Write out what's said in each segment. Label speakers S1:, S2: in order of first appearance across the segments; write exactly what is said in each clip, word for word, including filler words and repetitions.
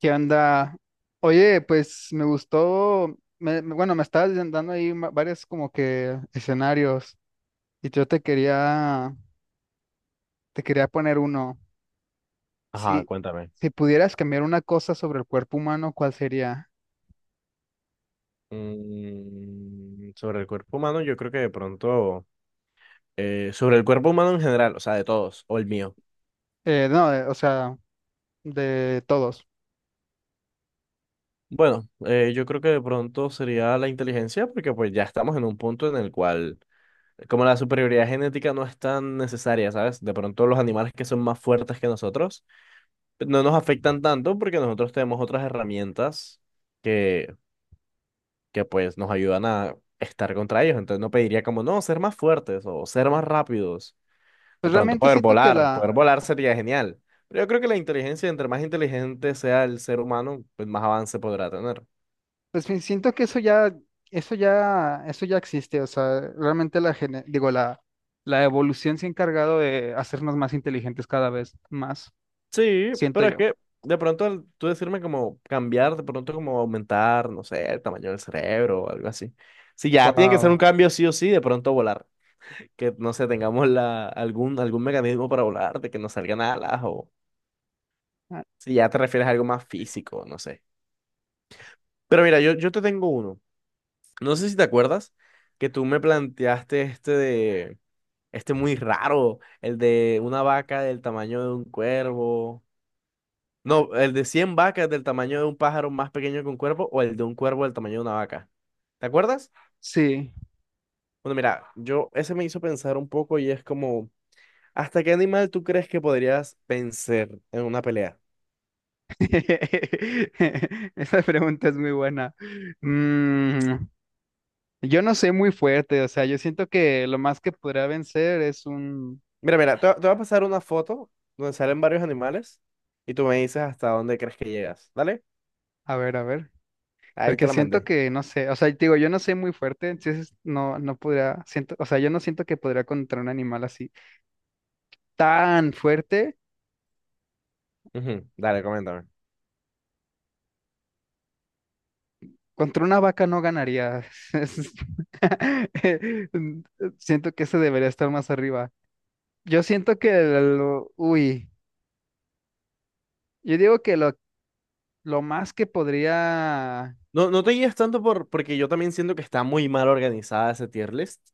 S1: ¿Qué onda? Oye, pues me gustó, me- me- bueno, me estabas dando ahí ma- varios como que escenarios y yo te quería, te quería poner uno.
S2: Ajá,
S1: Si,
S2: cuéntame.
S1: si pudieras cambiar una cosa sobre el cuerpo humano, ¿cuál sería?
S2: Mm, sobre el cuerpo humano, yo creo que de pronto, eh, sobre el cuerpo humano en general, o sea, de todos, o el mío.
S1: Eh, no, de- o sea, de todos.
S2: Bueno, eh, yo creo que de pronto sería la inteligencia, porque pues ya estamos en un punto en el cual, como la superioridad genética no es tan necesaria, ¿sabes? De pronto los animales que son más fuertes que nosotros pues, no nos afectan tanto porque nosotros tenemos otras herramientas que, que pues nos ayudan a estar contra ellos. Entonces no pediría como, no, ser más fuertes o ser más rápidos. De
S1: Pues
S2: pronto
S1: realmente
S2: poder
S1: siento que
S2: volar,
S1: la,
S2: poder volar sería genial. Pero yo creo que la inteligencia, entre más inteligente sea el ser humano, pues más avance podrá tener.
S1: pues sí, siento que eso ya, eso ya, eso ya existe. O sea, realmente la, gene- digo, la, la evolución se ha encargado de hacernos más inteligentes cada vez más,
S2: Sí,
S1: siento
S2: pero es
S1: yo.
S2: que de pronto al tú decirme como cambiar, de pronto como aumentar, no sé, el tamaño del cerebro o algo así. Si ya tiene que ser un
S1: Wow.
S2: cambio sí o sí, de pronto volar. Que no sé, tengamos la, algún, algún mecanismo para volar, de que no salgan alas o si ya te refieres a algo más físico, no sé. Pero mira, yo, yo te tengo uno. No sé si te acuerdas que tú me planteaste este de. Este muy raro, el de una vaca del tamaño de un cuervo. No, el de cien vacas del tamaño de un pájaro más pequeño que un cuervo o el de un cuervo del tamaño de una vaca. ¿Te acuerdas?
S1: Sí.
S2: Bueno, mira, yo ese me hizo pensar un poco y es como, ¿hasta qué animal tú crees que podrías vencer en una pelea?
S1: Esa pregunta es muy buena. Mm, yo no soy muy fuerte, o sea, yo siento que lo más que podría vencer es un...
S2: Mira, mira, te, te voy a pasar una foto donde salen varios animales y tú me dices hasta dónde crees que llegas. ¿Dale?
S1: A ver, a ver.
S2: Ahí te
S1: Porque
S2: la
S1: siento
S2: mandé.
S1: que, no sé, o sea, te digo, yo no soy muy fuerte, entonces no, no podría, siento, o sea, yo no siento que podría contra un animal así tan fuerte.
S2: Ujú, dale, coméntame.
S1: Contra una vaca no ganaría. Es- Siento que ese debería estar más arriba. Yo siento que, el- uy. Yo digo que lo, lo más que podría,
S2: No, no te guías tanto por, porque yo también siento que está muy mal organizada ese tier list,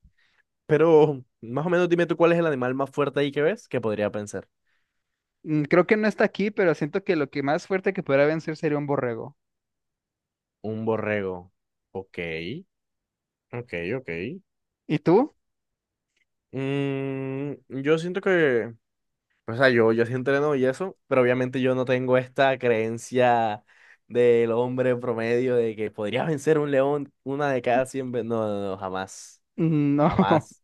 S2: pero más o menos dime tú cuál es el animal más fuerte ahí que ves que podría pensar.
S1: mm, creo que no está aquí, pero siento que lo que más fuerte que podría vencer sería un borrego.
S2: Un borrego. Ok, ok, ok.
S1: ¿Y tú?
S2: Mm, yo siento que, o sea, yo, yo sí entreno y eso, pero obviamente yo no tengo esta creencia del hombre promedio de que podría vencer un león una de cada cien veces. No, no, no, jamás,
S1: Mm, no,
S2: jamás.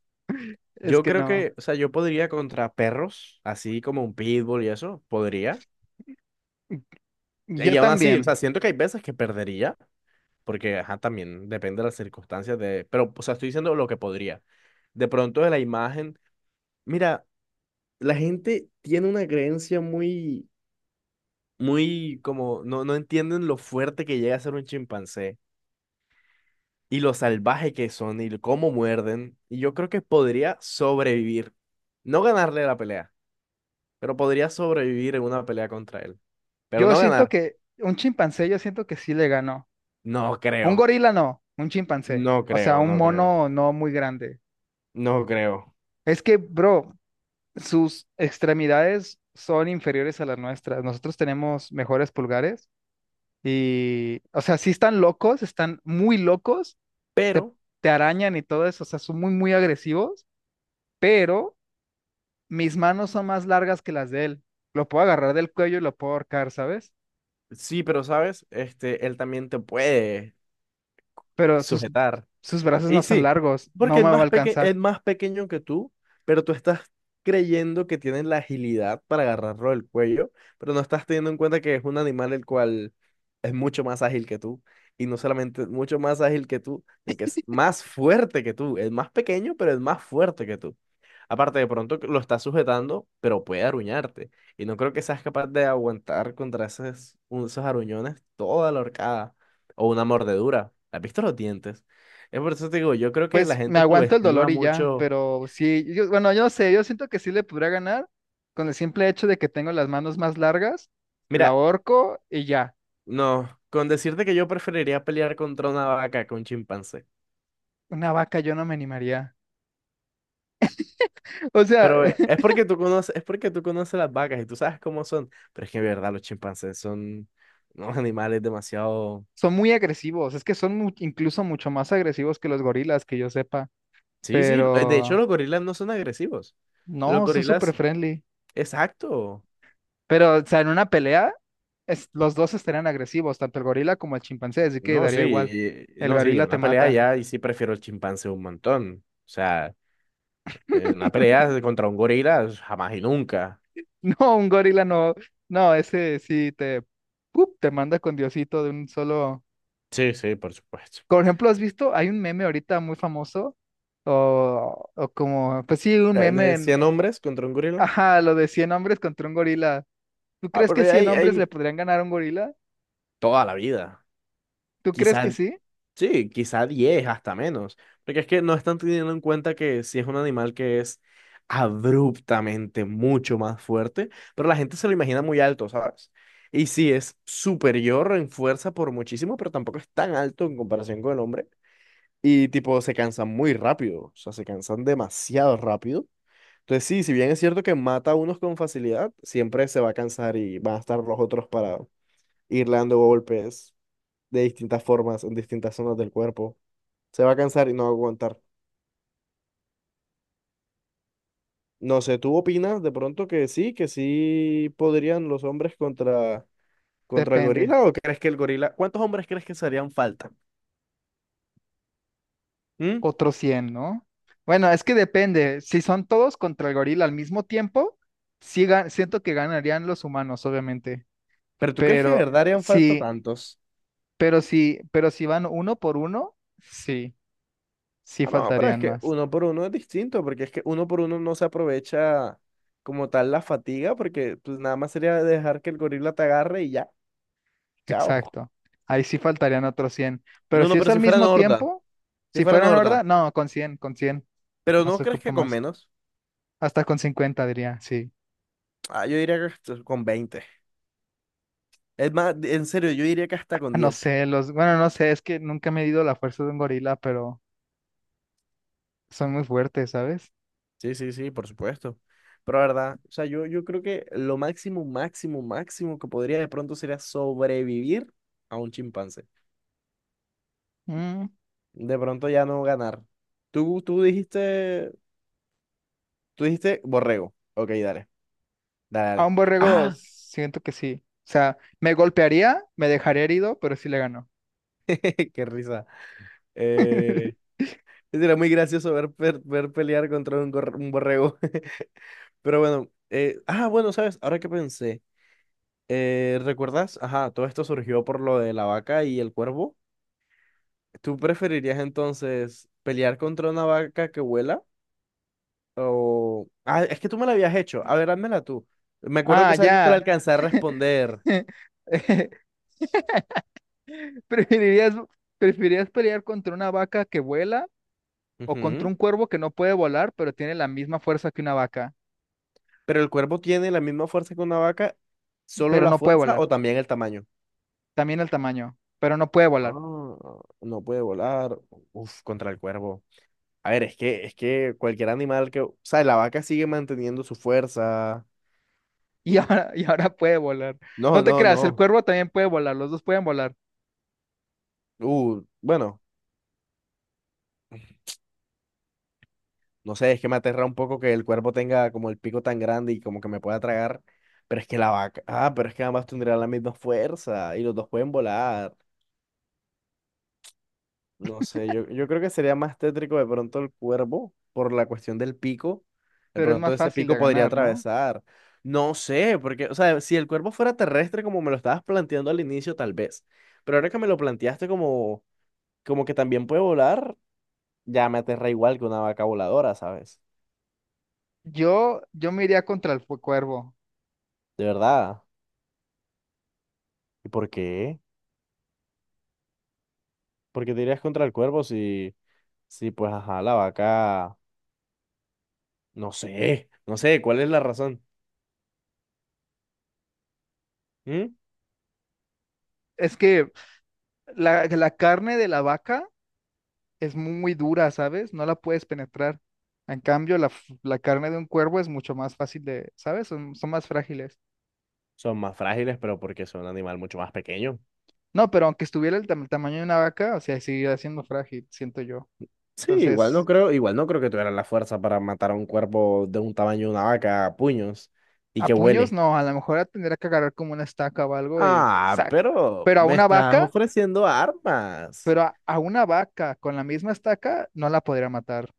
S1: es
S2: Yo
S1: que
S2: creo
S1: no.
S2: que, o sea, yo podría contra perros, así como un pitbull y eso, podría.
S1: Yo
S2: Y aún así, o
S1: también.
S2: sea, siento que hay veces que perdería, porque, ajá, también depende de las circunstancias de... Pero, o sea, estoy diciendo lo que podría. De pronto de la imagen, mira, la gente tiene una creencia muy, muy como, no, no entienden lo fuerte que llega a ser un chimpancé y lo salvaje que son y cómo muerden. Y yo creo que podría sobrevivir, no ganarle la pelea, pero podría sobrevivir en una pelea contra él. Pero
S1: Yo
S2: no
S1: siento
S2: ganar,
S1: que un chimpancé, yo siento que sí le ganó.
S2: no
S1: Un
S2: creo,
S1: gorila no, un chimpancé.
S2: no
S1: O sea,
S2: creo,
S1: un
S2: no creo,
S1: mono no muy grande.
S2: no creo.
S1: Es que, bro, sus extremidades son inferiores a las nuestras. Nosotros tenemos mejores pulgares y, o sea, sí están locos, están muy locos, te,
S2: Pero,
S1: te arañan y todo eso, o sea, son muy, muy agresivos, pero mis manos son más largas que las de él. Lo puedo agarrar del cuello y lo puedo ahorcar, ¿sabes?
S2: sí, pero sabes, este, él también te puede
S1: Pero sus,
S2: sujetar.
S1: sus brazos
S2: Y
S1: no son
S2: sí,
S1: largos,
S2: porque
S1: no
S2: es
S1: me va a
S2: más peque-
S1: alcanzar.
S2: es más pequeño que tú, pero tú estás creyendo que tiene la agilidad para agarrarlo del cuello, pero no estás teniendo en cuenta que es un animal el cual es mucho más ágil que tú. Y no solamente es mucho más ágil que tú, sino que es más fuerte que tú. Es más pequeño, pero es más fuerte que tú. Aparte, de pronto que lo estás sujetando, pero puede aruñarte. Y no creo que seas capaz de aguantar contra esos, esos aruñones toda la horcada o una mordedura. ¿Has visto los dientes? Es por eso te digo, yo creo que la
S1: Pues me
S2: gente
S1: aguanto el dolor
S2: subestima
S1: y ya,
S2: mucho.
S1: pero sí, yo- bueno, yo no sé, yo siento que sí le podría ganar con el simple hecho de que tengo las manos más largas. Lo
S2: Mira,
S1: ahorco y ya.
S2: no, con decirte que yo preferiría pelear contra una vaca que un chimpancé.
S1: Una vaca yo no me animaría. O sea,
S2: Pero eh, es porque tú conoces, es porque tú conoces las vacas y tú sabes cómo son. Pero es que en verdad los chimpancés son unos animales demasiado.
S1: son muy agresivos, es que son mu- incluso mucho más agresivos que los gorilas, que yo sepa.
S2: Sí, sí. eh, De hecho,
S1: Pero
S2: los gorilas no son agresivos. Los
S1: no, son súper
S2: gorilas,
S1: friendly.
S2: exacto.
S1: Pero, o sea, en una pelea, es- los dos estarían agresivos, tanto el gorila como el chimpancé, así que
S2: No, sí,
S1: daría igual.
S2: y- y-
S1: El
S2: no, sí, en
S1: gorila te
S2: una pelea
S1: mata.
S2: ya, y sí prefiero el chimpancé un montón. O sea, en una pelea contra un gorila, jamás y nunca.
S1: No, un gorila no. No, ese sí te, ¡pup! Te manda con Diosito de un solo.
S2: Sí, sí, por supuesto.
S1: Por ejemplo, ¿has visto? Hay un meme ahorita muy famoso, o, o como, pues sí, un
S2: Eh,
S1: meme,
S2: De
S1: en-
S2: cien hombres contra un gorila.
S1: ajá, lo de cien hombres contra un gorila. ¿Tú
S2: Ah,
S1: crees
S2: pero
S1: que cien
S2: ahí,
S1: hombres le
S2: ahí,
S1: podrían ganar a un gorila?
S2: toda la vida.
S1: ¿Tú crees que
S2: Quizá,
S1: sí?
S2: sí, quizá diez hasta menos. Porque es que no están teniendo en cuenta que si es un animal que es abruptamente mucho más fuerte, pero la gente se lo imagina muy alto, ¿sabes? Y sí, es superior en fuerza por muchísimo, pero tampoco es tan alto en comparación con el hombre. Y tipo, se cansan muy rápido, o sea, se cansan demasiado rápido. Entonces sí, si bien es cierto que mata a unos con facilidad, siempre se va a cansar y van a estar los otros para irle dando golpes de distintas formas en distintas zonas del cuerpo. Se va a cansar y no va a aguantar. No sé, ¿tú opinas de pronto que sí, que sí podrían los hombres contra, contra el
S1: Depende.
S2: gorila o crees que el gorila... ¿Cuántos hombres crees que se harían falta? ¿Mm?
S1: Otros cien, ¿no? Bueno, es que depende. Si son todos contra el gorila al mismo tiempo, sí ga- siento que ganarían los humanos, obviamente.
S2: ¿Pero tú crees que de
S1: Pero
S2: verdad harían falta
S1: sí,
S2: tantos?
S1: pero sí, pero si van uno por uno, sí, sí
S2: Ah, no, pero es
S1: faltarían
S2: que
S1: más.
S2: uno por uno es distinto, porque es que uno por uno no se aprovecha como tal la fatiga, porque pues nada más sería dejar que el gorila te agarre y ya, chao.
S1: Exacto. Ahí sí faltarían otros cien. Pero
S2: No, no,
S1: si es
S2: pero
S1: al
S2: si fuera
S1: mismo
S2: Norda,
S1: tiempo,
S2: si
S1: si
S2: fuera
S1: fueran horda,
S2: Norda,
S1: no, con cien, con cien.
S2: pero
S1: No
S2: ¿no
S1: se
S2: crees
S1: ocupa
S2: que con
S1: más.
S2: menos?
S1: Hasta con cincuenta diría, sí.
S2: Ah, yo diría que hasta con veinte. Es más, en serio, yo diría que hasta con
S1: No
S2: diez.
S1: sé, los, bueno, no sé, es que nunca me he medido la fuerza de un gorila, pero son muy fuertes, ¿sabes?
S2: Sí, sí, sí, por supuesto. Pero la verdad, o sea, yo, yo creo que lo máximo, máximo, máximo que podría de pronto sería sobrevivir a un chimpancé.
S1: Mm,
S2: De pronto ya no ganar. Tú, tú dijiste Tú dijiste borrego. Ok, dale. Dale,
S1: a
S2: dale.
S1: un borrego
S2: ¡Ah!
S1: siento que sí. O sea, me golpearía, me dejaría herido, pero sí le ganó.
S2: ¡Qué risa! Eh, era muy gracioso ver, per- ver pelear contra un, gorr- un borrego. Pero bueno. eh, ah, bueno, ¿sabes? Ahora que pensé. eh, ¿recuerdas? Ajá, todo esto surgió por lo de la vaca y el cuervo. ¿Tú preferirías entonces pelear contra una vaca que vuela? O... Ah, es que tú me la habías hecho. A ver, házmela tú. Me acuerdo que
S1: Ah,
S2: esa vez no te la
S1: ya.
S2: alcancé a responder.
S1: ¿Preferirías, ¿preferirías pelear contra una vaca que vuela o contra
S2: Ujú.
S1: un cuervo que no puede volar, pero tiene la misma fuerza que una vaca,
S2: Pero el cuervo tiene la misma fuerza que una vaca, solo
S1: pero
S2: la
S1: no puede
S2: fuerza
S1: volar?
S2: o también el tamaño.
S1: También el tamaño, pero no puede
S2: Ah,
S1: volar.
S2: no puede volar. Uf, contra el cuervo. A ver, es que, es que cualquier animal que. O sea, la vaca sigue manteniendo su fuerza.
S1: Y ahora, y ahora puede volar. No
S2: No,
S1: te
S2: no,
S1: creas, el
S2: no.
S1: cuervo también puede volar, los dos pueden volar,
S2: Uh, bueno, no sé, es que me aterra un poco que el cuervo tenga como el pico tan grande y como que me pueda tragar. Pero es que la vaca. Ah, pero es que ambas tendrían la misma fuerza y los dos pueden volar. No sé, yo, yo creo que sería más tétrico de pronto el cuervo por la cuestión del pico. De
S1: pero es
S2: pronto
S1: más
S2: ese
S1: fácil
S2: pico
S1: de
S2: podría
S1: ganar, ¿no?
S2: atravesar. No sé, porque, o sea, si el cuervo fuera terrestre como me lo estabas planteando al inicio, tal vez. Pero ahora que me lo planteaste como, como que también puede volar, ya me aterra igual que una vaca voladora, ¿sabes?
S1: Yo, yo me iría contra el fu- cuervo.
S2: De verdad. ¿Y por qué? ¿Por qué te irías contra el cuervo si, si pues, ajá, la vaca, no sé, no sé, ¿cuál es la razón? ¿Mm?
S1: Es que La, la carne de la vaca es muy dura, ¿sabes? No la puedes penetrar. En cambio, la, f- la carne de un cuervo es mucho más fácil de, ¿sabes? Son, son más frágiles.
S2: Son más frágiles, pero porque son un animal mucho más pequeño.
S1: No, pero aunque estuviera el, tam- tamaño de una vaca, o sea, seguiría siendo frágil, siento yo.
S2: Sí, igual no
S1: Entonces,
S2: creo, igual no creo que tuvieran la fuerza para matar a un cuerpo de un tamaño de una vaca a puños y
S1: a
S2: que
S1: puños
S2: huele.
S1: no, a lo mejor la tendría que agarrar como una estaca o algo y
S2: Ah,
S1: ¡sac!
S2: pero
S1: Pero a
S2: me
S1: una
S2: estás
S1: vaca,
S2: ofreciendo armas.
S1: pero a, a una vaca con la misma estaca no la podría matar.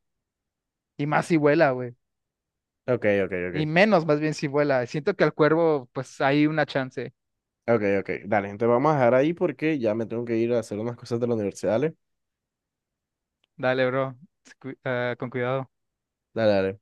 S1: Y más si vuela, güey.
S2: Ok, ok,
S1: Y
S2: ok.
S1: menos, más bien si vuela. Siento que al cuervo, pues hay una chance.
S2: Ok, ok. Dale, entonces vamos a dejar ahí porque ya me tengo que ir a hacer unas cosas de la universidad. Dale,
S1: Dale, bro. Cu- ah, con cuidado.
S2: dale. Dale.